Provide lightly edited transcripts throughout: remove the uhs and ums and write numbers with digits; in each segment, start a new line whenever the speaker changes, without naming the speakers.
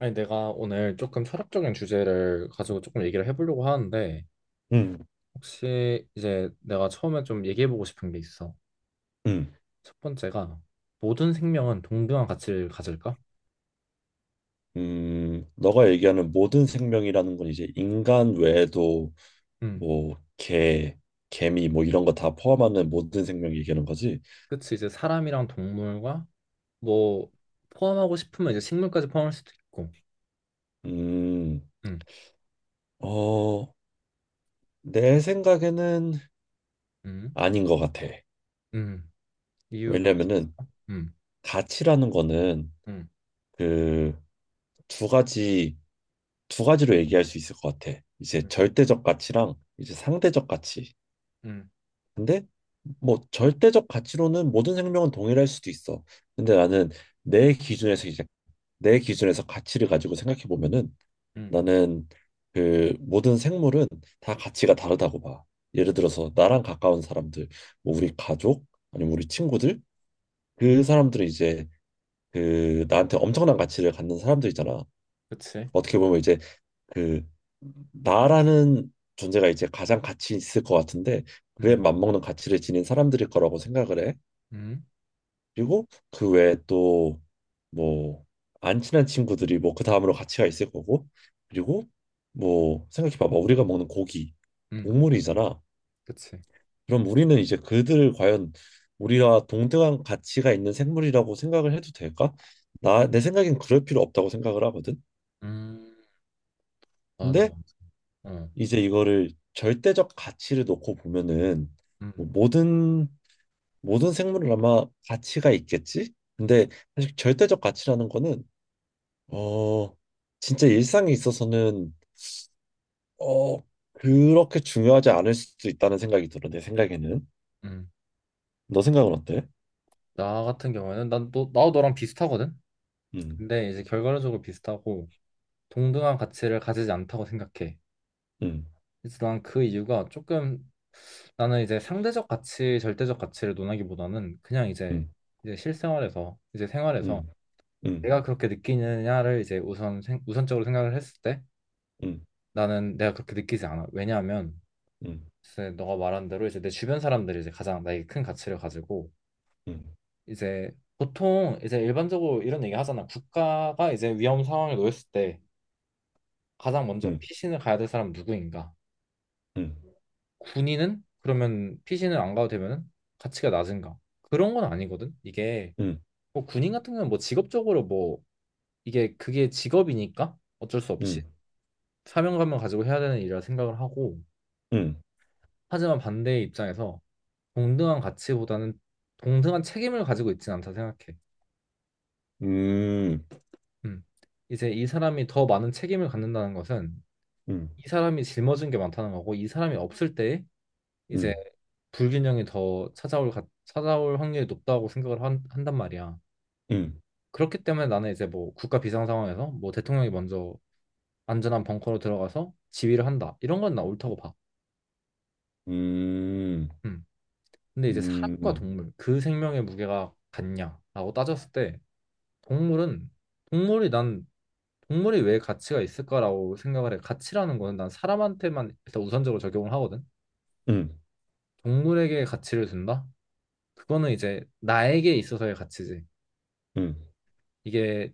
아니, 내가 오늘 조금 철학적인 주제를 가지고 조금 얘기를 해보려고 하는데,
음.
혹시 이제 내가 처음에 좀 얘기해보고 싶은 게 있어.
음.
첫 번째가, 모든 생명은 동등한 가치를 가질까?
음. 너가 얘기하는 모든 생명이라는 건 이제 인간 외에도
음.
뭐 개, 개미 뭐 이런 거 다 포함하는 모든 생명 얘기하는 거지?
그치, 이제 사람이랑 동물과 뭐, 포함하고 싶으면 이제 식물까지 포함할 수도 있고,
음.
음.
어, 내 생각에는
음.
아닌 것 같아.
음. 이유가 혹시 있
왜냐면은
어까음
가치라는 거는
음.
그 두 가지 두 가지로 얘기할 수 있을 것 같아. 이제
음.
절대적 가치랑 이제 상대적 가치.
음.
근데 뭐 절대적 가치로는 모든 생명은 동일할 수도 있어. 근데 나는 내 기준에서 이제 내 기준에서 가치를 가지고 생각해 보면은
음.
나는 그 모든 생물은 다 가치가 다르다고 봐. 예를 들어서 나랑 가까운 사람들, 뭐 우리 가족 아니면 우리 친구들
음.
그 사람들은 이제 그 나한테 엄청난 가치를 갖는 사람들이잖아.
그치.
어떻게 보면 이제 그 나라는 존재가 이제 가장 가치 있을 것 같은데 그에
음.
맞먹는 가치를 지닌 사람들일 거라고 생각을 해.
음.
그리고 그 외에 또 뭐 안 친한 친구들이 뭐 그 다음으로 같이 가 있을 거고 그리고 뭐 생각해 봐봐 우리가 먹는 고기
음.
동물이잖아.
그치.
그럼 우리는 이제 그들을 과연 우리와 동등한 가치가 있는 생물이라고 생각을 해도 될까? 나 내 생각엔 그럴 필요 없다고 생각을 하거든.
음, 맞아,
근데
맞아. 어.
이제 이거를 절대적 가치를 놓고 보면은
음.
뭐 모든 생물은 아마 가치가 있겠지? 근데 사실 절대적 가치라는 거는 어, 진짜 일상에 있어서는 어, 그렇게 중요하지 않을 수도 있다는 생각이 들어. 내 생각에는.
음.
너 생각은 어때?
나 같은 경우에는 나도 너랑 비슷하거든.
음,
근데 이제 결과론적으로 비슷하고 동등한 가치를 가지지 않다고 생각해.
음,
그래서 난 그 이유가 조금, 나는 이제 상대적 가치, 절대적 가치를 논하기보다는 그냥 이제
음,
이제 실생활에서 이제 생활에서
음, 음,
내가 그렇게 느끼느냐를 이제 우선적으로 생각을 했을 때
음,
나는 내가 그렇게 느끼지 않아. 왜냐하면,
음,
글쎄, 너가 말한 대로 이제 내 주변 사람들이 이제 가장 나에게 큰 가치를 가지고
음,
이제 보통 이제 일반적으로 이런 얘기 하잖아. 국가가 이제 위험 상황에 놓였을 때 가장 먼저
음,
피신을 가야 될 사람은 누구인가?
음,
군인은 그러면 피신을 안 가도 되면은 가치가 낮은가? 그런 건 아니거든. 이게
음,
뭐 군인 같은 경우는 뭐 직업적으로 뭐 이게 그게 직업이니까 어쩔 수 없이
음,
사명감을 가지고 해야 되는 일이라 생각을 하고,
음,
하지만 반대의 입장에서 동등한 가치보다는 동등한 책임을 가지고 있지는 않다 생각해.
음, 음,
음. 이제 이 사람이 더 많은 책임을 갖는다는 것은
음,
이 사람이 짊어진 게 많다는 거고, 이 사람이 없을 때 이제
음,
불균형이 더 찾아올 확률이 높다고 생각을 한단 말이야. 그렇기 때문에 나는 이제 뭐 국가 비상 상황에서 뭐 대통령이 먼저 안전한 벙커로 들어가서 지휘를 한다, 이런 건 나 옳다고 봐.
음,
음. 근데 이제 사람과
음,
동물 그 생명의 무게가 같냐라고 따졌을 때, 동물은, 동물이 난 동물이 왜 가치가 있을까라고 생각을 해. 가치라는 거는 난 사람한테만 일단 우선적으로 적용을 하거든.
음,
동물에게 가치를 준다? 그거는 이제 나에게 있어서의 가치지.
음,
이게,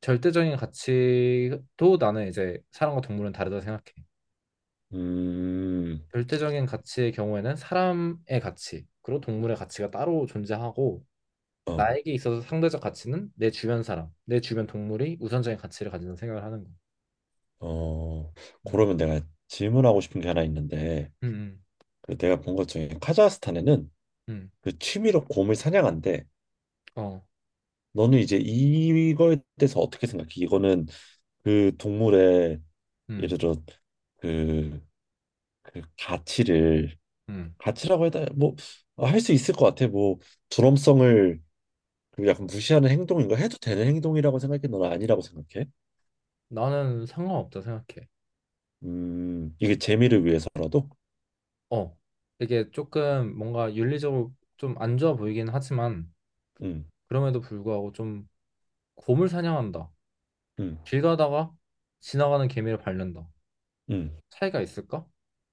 절대적인 가치도 나는 이제 사람과 동물은 다르다고 생각해.
음.
절대적인 가치의 경우에는 사람의 가치, 그리고 동물의 가치가 따로 존재하고,
어,
나에게 있어서 상대적 가치는 내 주변 사람, 내 주변 동물이 우선적인 가치를 가진다고 생각을 하는 거.
어,
음,
그러면 내가 질문하고 싶은 게 하나 있는데,
음, 음,
그 내가 본 것 중에 카자흐스탄에는
음.
그 취미로 곰을 사냥한대.
어,
너는 이제 이거에 대해서 어떻게 생각해? 이거는 그 동물의
음,
예를 들어 그, 그 가치를
음.
가치라고 해야 뭐할 수 있을 것 같아. 뭐 존엄성을 그 약간 무시하는 행동인 가 해도 되는 행동이라고 생각해? 너는 아니라고 생각해?
나는 상관없다 생각해.
음, 이게 재미를 위해서라도?
어, 이게 조금 뭔가 윤리적으로 좀 안 좋아 보이긴 하지만,
음,
그럼에도 불구하고 좀, 곰을 사냥한다.
음,
길 가다가 지나가는 개미를 밟는다.
음,
차이가 있을까?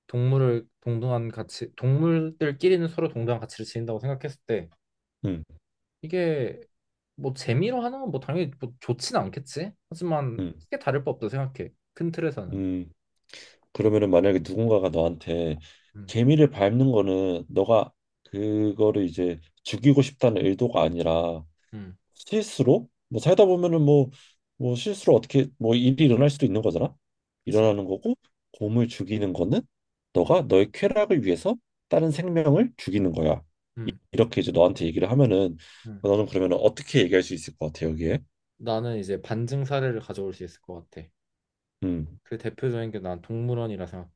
동물을 동등한 가치, 동물들끼리는 서로 동등한 가치를 지닌다고 생각했을 때,
음,
이게 뭐 재미로 하는 건 뭐 당연히 뭐 좋진 않겠지. 하지만
음,
크게 다를 법도 생각해. 큰 틀에서는.
음. 그러면은 만약에 누군가가 너한테
음,
개미를 밟는 거는 너가 그거를 이제 죽이고 싶다는 의도가 아니라
음.
실수로 뭐 살다 보면은 뭐 실수로 어떻게 뭐 일이 일어날 수도 있는 거잖아.
그치?
일어나는 거고, 곰을 죽이는 거는
음,
너가 너의 쾌락을 위해서 다른 생명을 죽이는 거야.
음,
이렇게 이제 너한테 얘기를 하면은
음.
너는 그러면 어떻게 얘기할 수 있을 것 같아, 여기에?
나는 이제 반증 사례를 가져올 수 있을 것 같아.
음,
그 대표적인 게 난 동물원이라 생각해.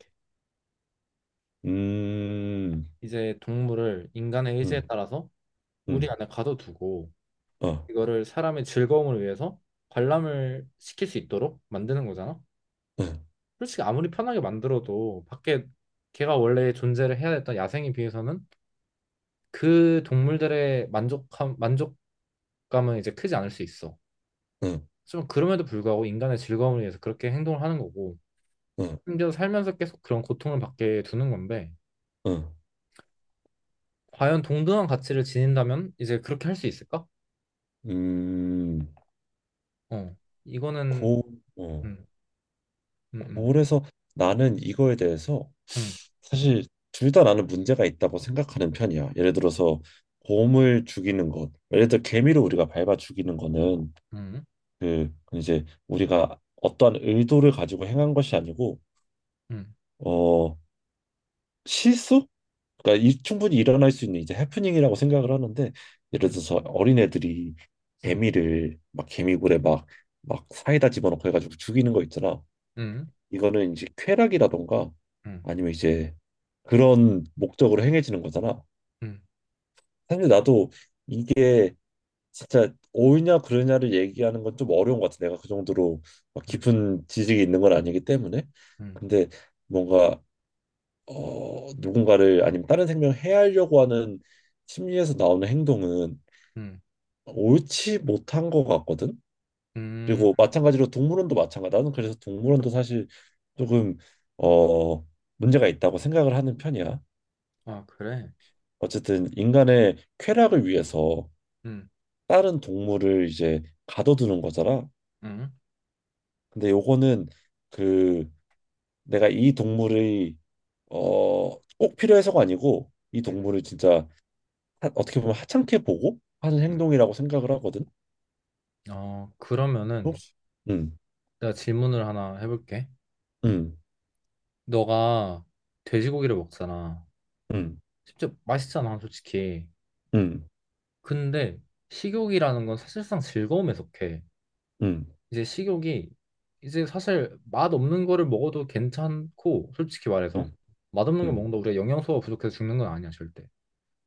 음,
이제 동물을 인간의 의지에
음,
따라서 우리
음,
안에 가둬두고,
어,
이거를 사람의 즐거움을 위해서 관람을 시킬 수 있도록 만드는 거잖아.
응,
솔직히 아무리 편하게 만들어도 밖에, 걔가 원래 존재를 해야 했던 야생에 비해서는 그 동물들의 만족함, 만족감은 이제 크지 않을 수 있어.
응,
하지만 그럼에도 불구하고 인간의 즐거움을 위해서 그렇게 행동을 하는 거고,
응,
심지어 살면서 계속 그런 고통을 받게 두는 건데,
응.
과연 동등한 가치를 지닌다면 이제 그렇게 할 수 있을까?
음,
어, 이거는,
고, 어,
음, 음, 음,
그래서 나는 이거에 대해서
음,
사실 둘 다 나는 문제가 있다고 생각하는 편이야. 예를 들어서 곰을 죽이는 것, 예를 들어 개미를 우리가 밟아 죽이는 거는
음,
그 이제 우리가 어떠한 의도를 가지고 행한 것이 아니고
음,
어 실수? 그러니까 충분히 일어날 수 있는 이제 해프닝이라고 생각을 하는데, 예를
음,
들어서 어린애들이
음,
개미를 막 개미굴에 막 사이다 집어넣고 해가지고 죽이는 거 있잖아.
음,
이거는 이제 쾌락이라던가
음.
아니면 이제 그런 목적으로 행해지는 거잖아.
음,
사실 나도 이게 진짜 옳냐 그르냐를 얘기하는 건 좀 어려운 것 같아. 내가 그 정도로 막
음,
깊은 지식이 있는 건 아니기 때문에.
음,
근데 뭔가 누군가를 아니면 다른 생명을 해하려고 하는 심리에서 나오는 행동은
음,
옳지 못한 것 같거든.
음.
그리고 마찬가지로 동물원도 마찬가지다. 나는 그래서 동물원도 사실 조금 어 문제가 있다고 생각을 하는 편이야.
아, 그래?
어쨌든 인간의 쾌락을 위해서
음,
다른 동물을 이제 가둬두는 거잖아.
음,
근데 요거는 그 내가 이 동물의 어꼭 필요해서가 아니고 이
음,
동물을 진짜 어떻게 보면 하찮게 보고 하는
음.
행동이라고 생각을 하거든.
어, 그러면은
혹시 음,
내가 질문을 하나 해볼게.
음,
너가 돼지고기를 먹잖아.
음,
진짜 맛있잖아, 솔직히.
음,
근데 식욕이라는 건 사실상 즐거움에 속해.
음,
이제 식욕이, 이제 사실 맛없는 거를 먹어도 괜찮고, 솔직히 말해서
음,
맛없는 걸
음,
먹는다, 우리가 영양소가 부족해서 죽는 건 아니야, 절대.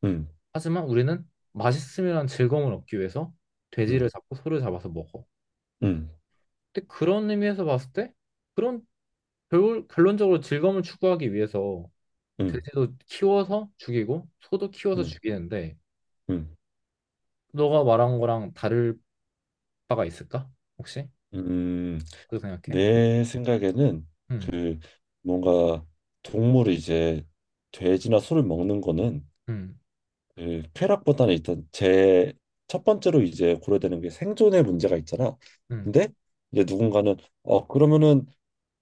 음,
하지만 우리는 맛있음이란 즐거움을 얻기 위해서 돼지를
음,
잡고 소를 잡아서 먹어.
음, 음.
근데 그런 의미에서 봤을 때, 그런 결론적으로 즐거움을 추구하기 위해서
음.
돼지도 키워서 죽이고 소도 키워서
음,
죽이는데,
음,
너가 말한 거랑 다를 바가 있을까? 혹시?
음,
그렇게 생각해?
내 생각에는
음,
그 뭔가 동물이 이제 돼지나 소를 먹는 거는
음,
그 쾌락보다는 일단 제 첫 번째로 이제 고려되는 게 생존의 문제가 있잖아.
음,
근데 이제 누군가는 그러면은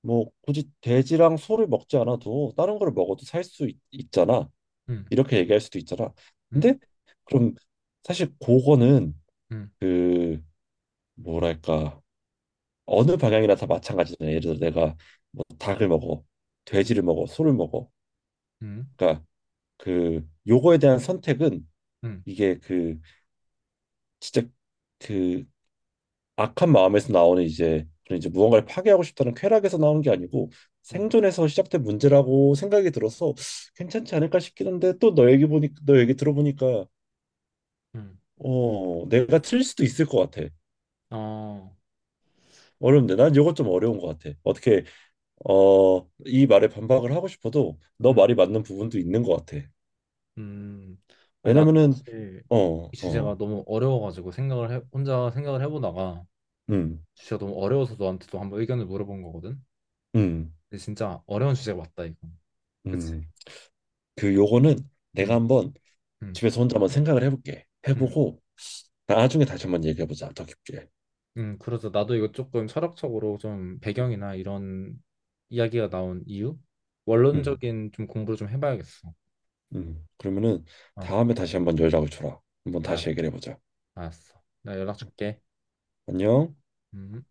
뭐 굳이 돼지랑 소를 먹지 않아도 다른 걸 먹어도 살 수 있잖아.
음,
이렇게 얘기할 수도 있잖아.
음,
근데 그럼 사실 그거는
음,
그 뭐랄까 어느 방향이나 다 마찬가지잖아요. 예를 들어 내가 뭐 닭을 먹어,
음,
돼지를 먹어, 소를 먹어.
음,
그러니까 그 요거에 대한 선택은
음,
이게 그 진짜 그 악한 마음에서 나오는 이제 그런 이제 무언가를 파괴하고 싶다는 쾌락에서 나오는 게 아니고
음,
생존에서 시작된 문제라고 생각이 들어서 괜찮지 않을까 싶긴 한데, 또 너 얘기 들어보니까
음.
내가 틀릴 수도 있을 것 같아.
어,
어려운데 난 요거 좀 어려운 것 같아. 이 말에 반박을 하고 싶어도 너
음.
말이 맞는 부분도 있는 것 같아.
음, 아니 나도
왜냐면은,
사실
어,
이 주제가
어,
너무 어려워가지고 생각을 해, 혼자 생각을 해보다가
음,
주제가 너무 어려워서 너한테도 한번 의견을 물어본 거거든.
음,
근데 진짜 어려운 주제 가 맞다 이거. 그치?
음. 그 요거는 내가
음,
한번
음,
집에서 혼자 한번 생각을 해볼게.
음,
해보고 나중에 다시 한번 얘기해보자. 더 깊게.
그래서 나도 이거 조금 철학적으로 좀
음,
배경이나 이런 이야기가 나온 이유,
음.
원론적인 좀 공부를 좀 해봐야겠어.
음. 그러면은
어,
다음에 다시 한번 연락을 줘라. 한번
아,
다시 얘기를 해보자.
알았어. 나 연락 줄게.
안녕.
음.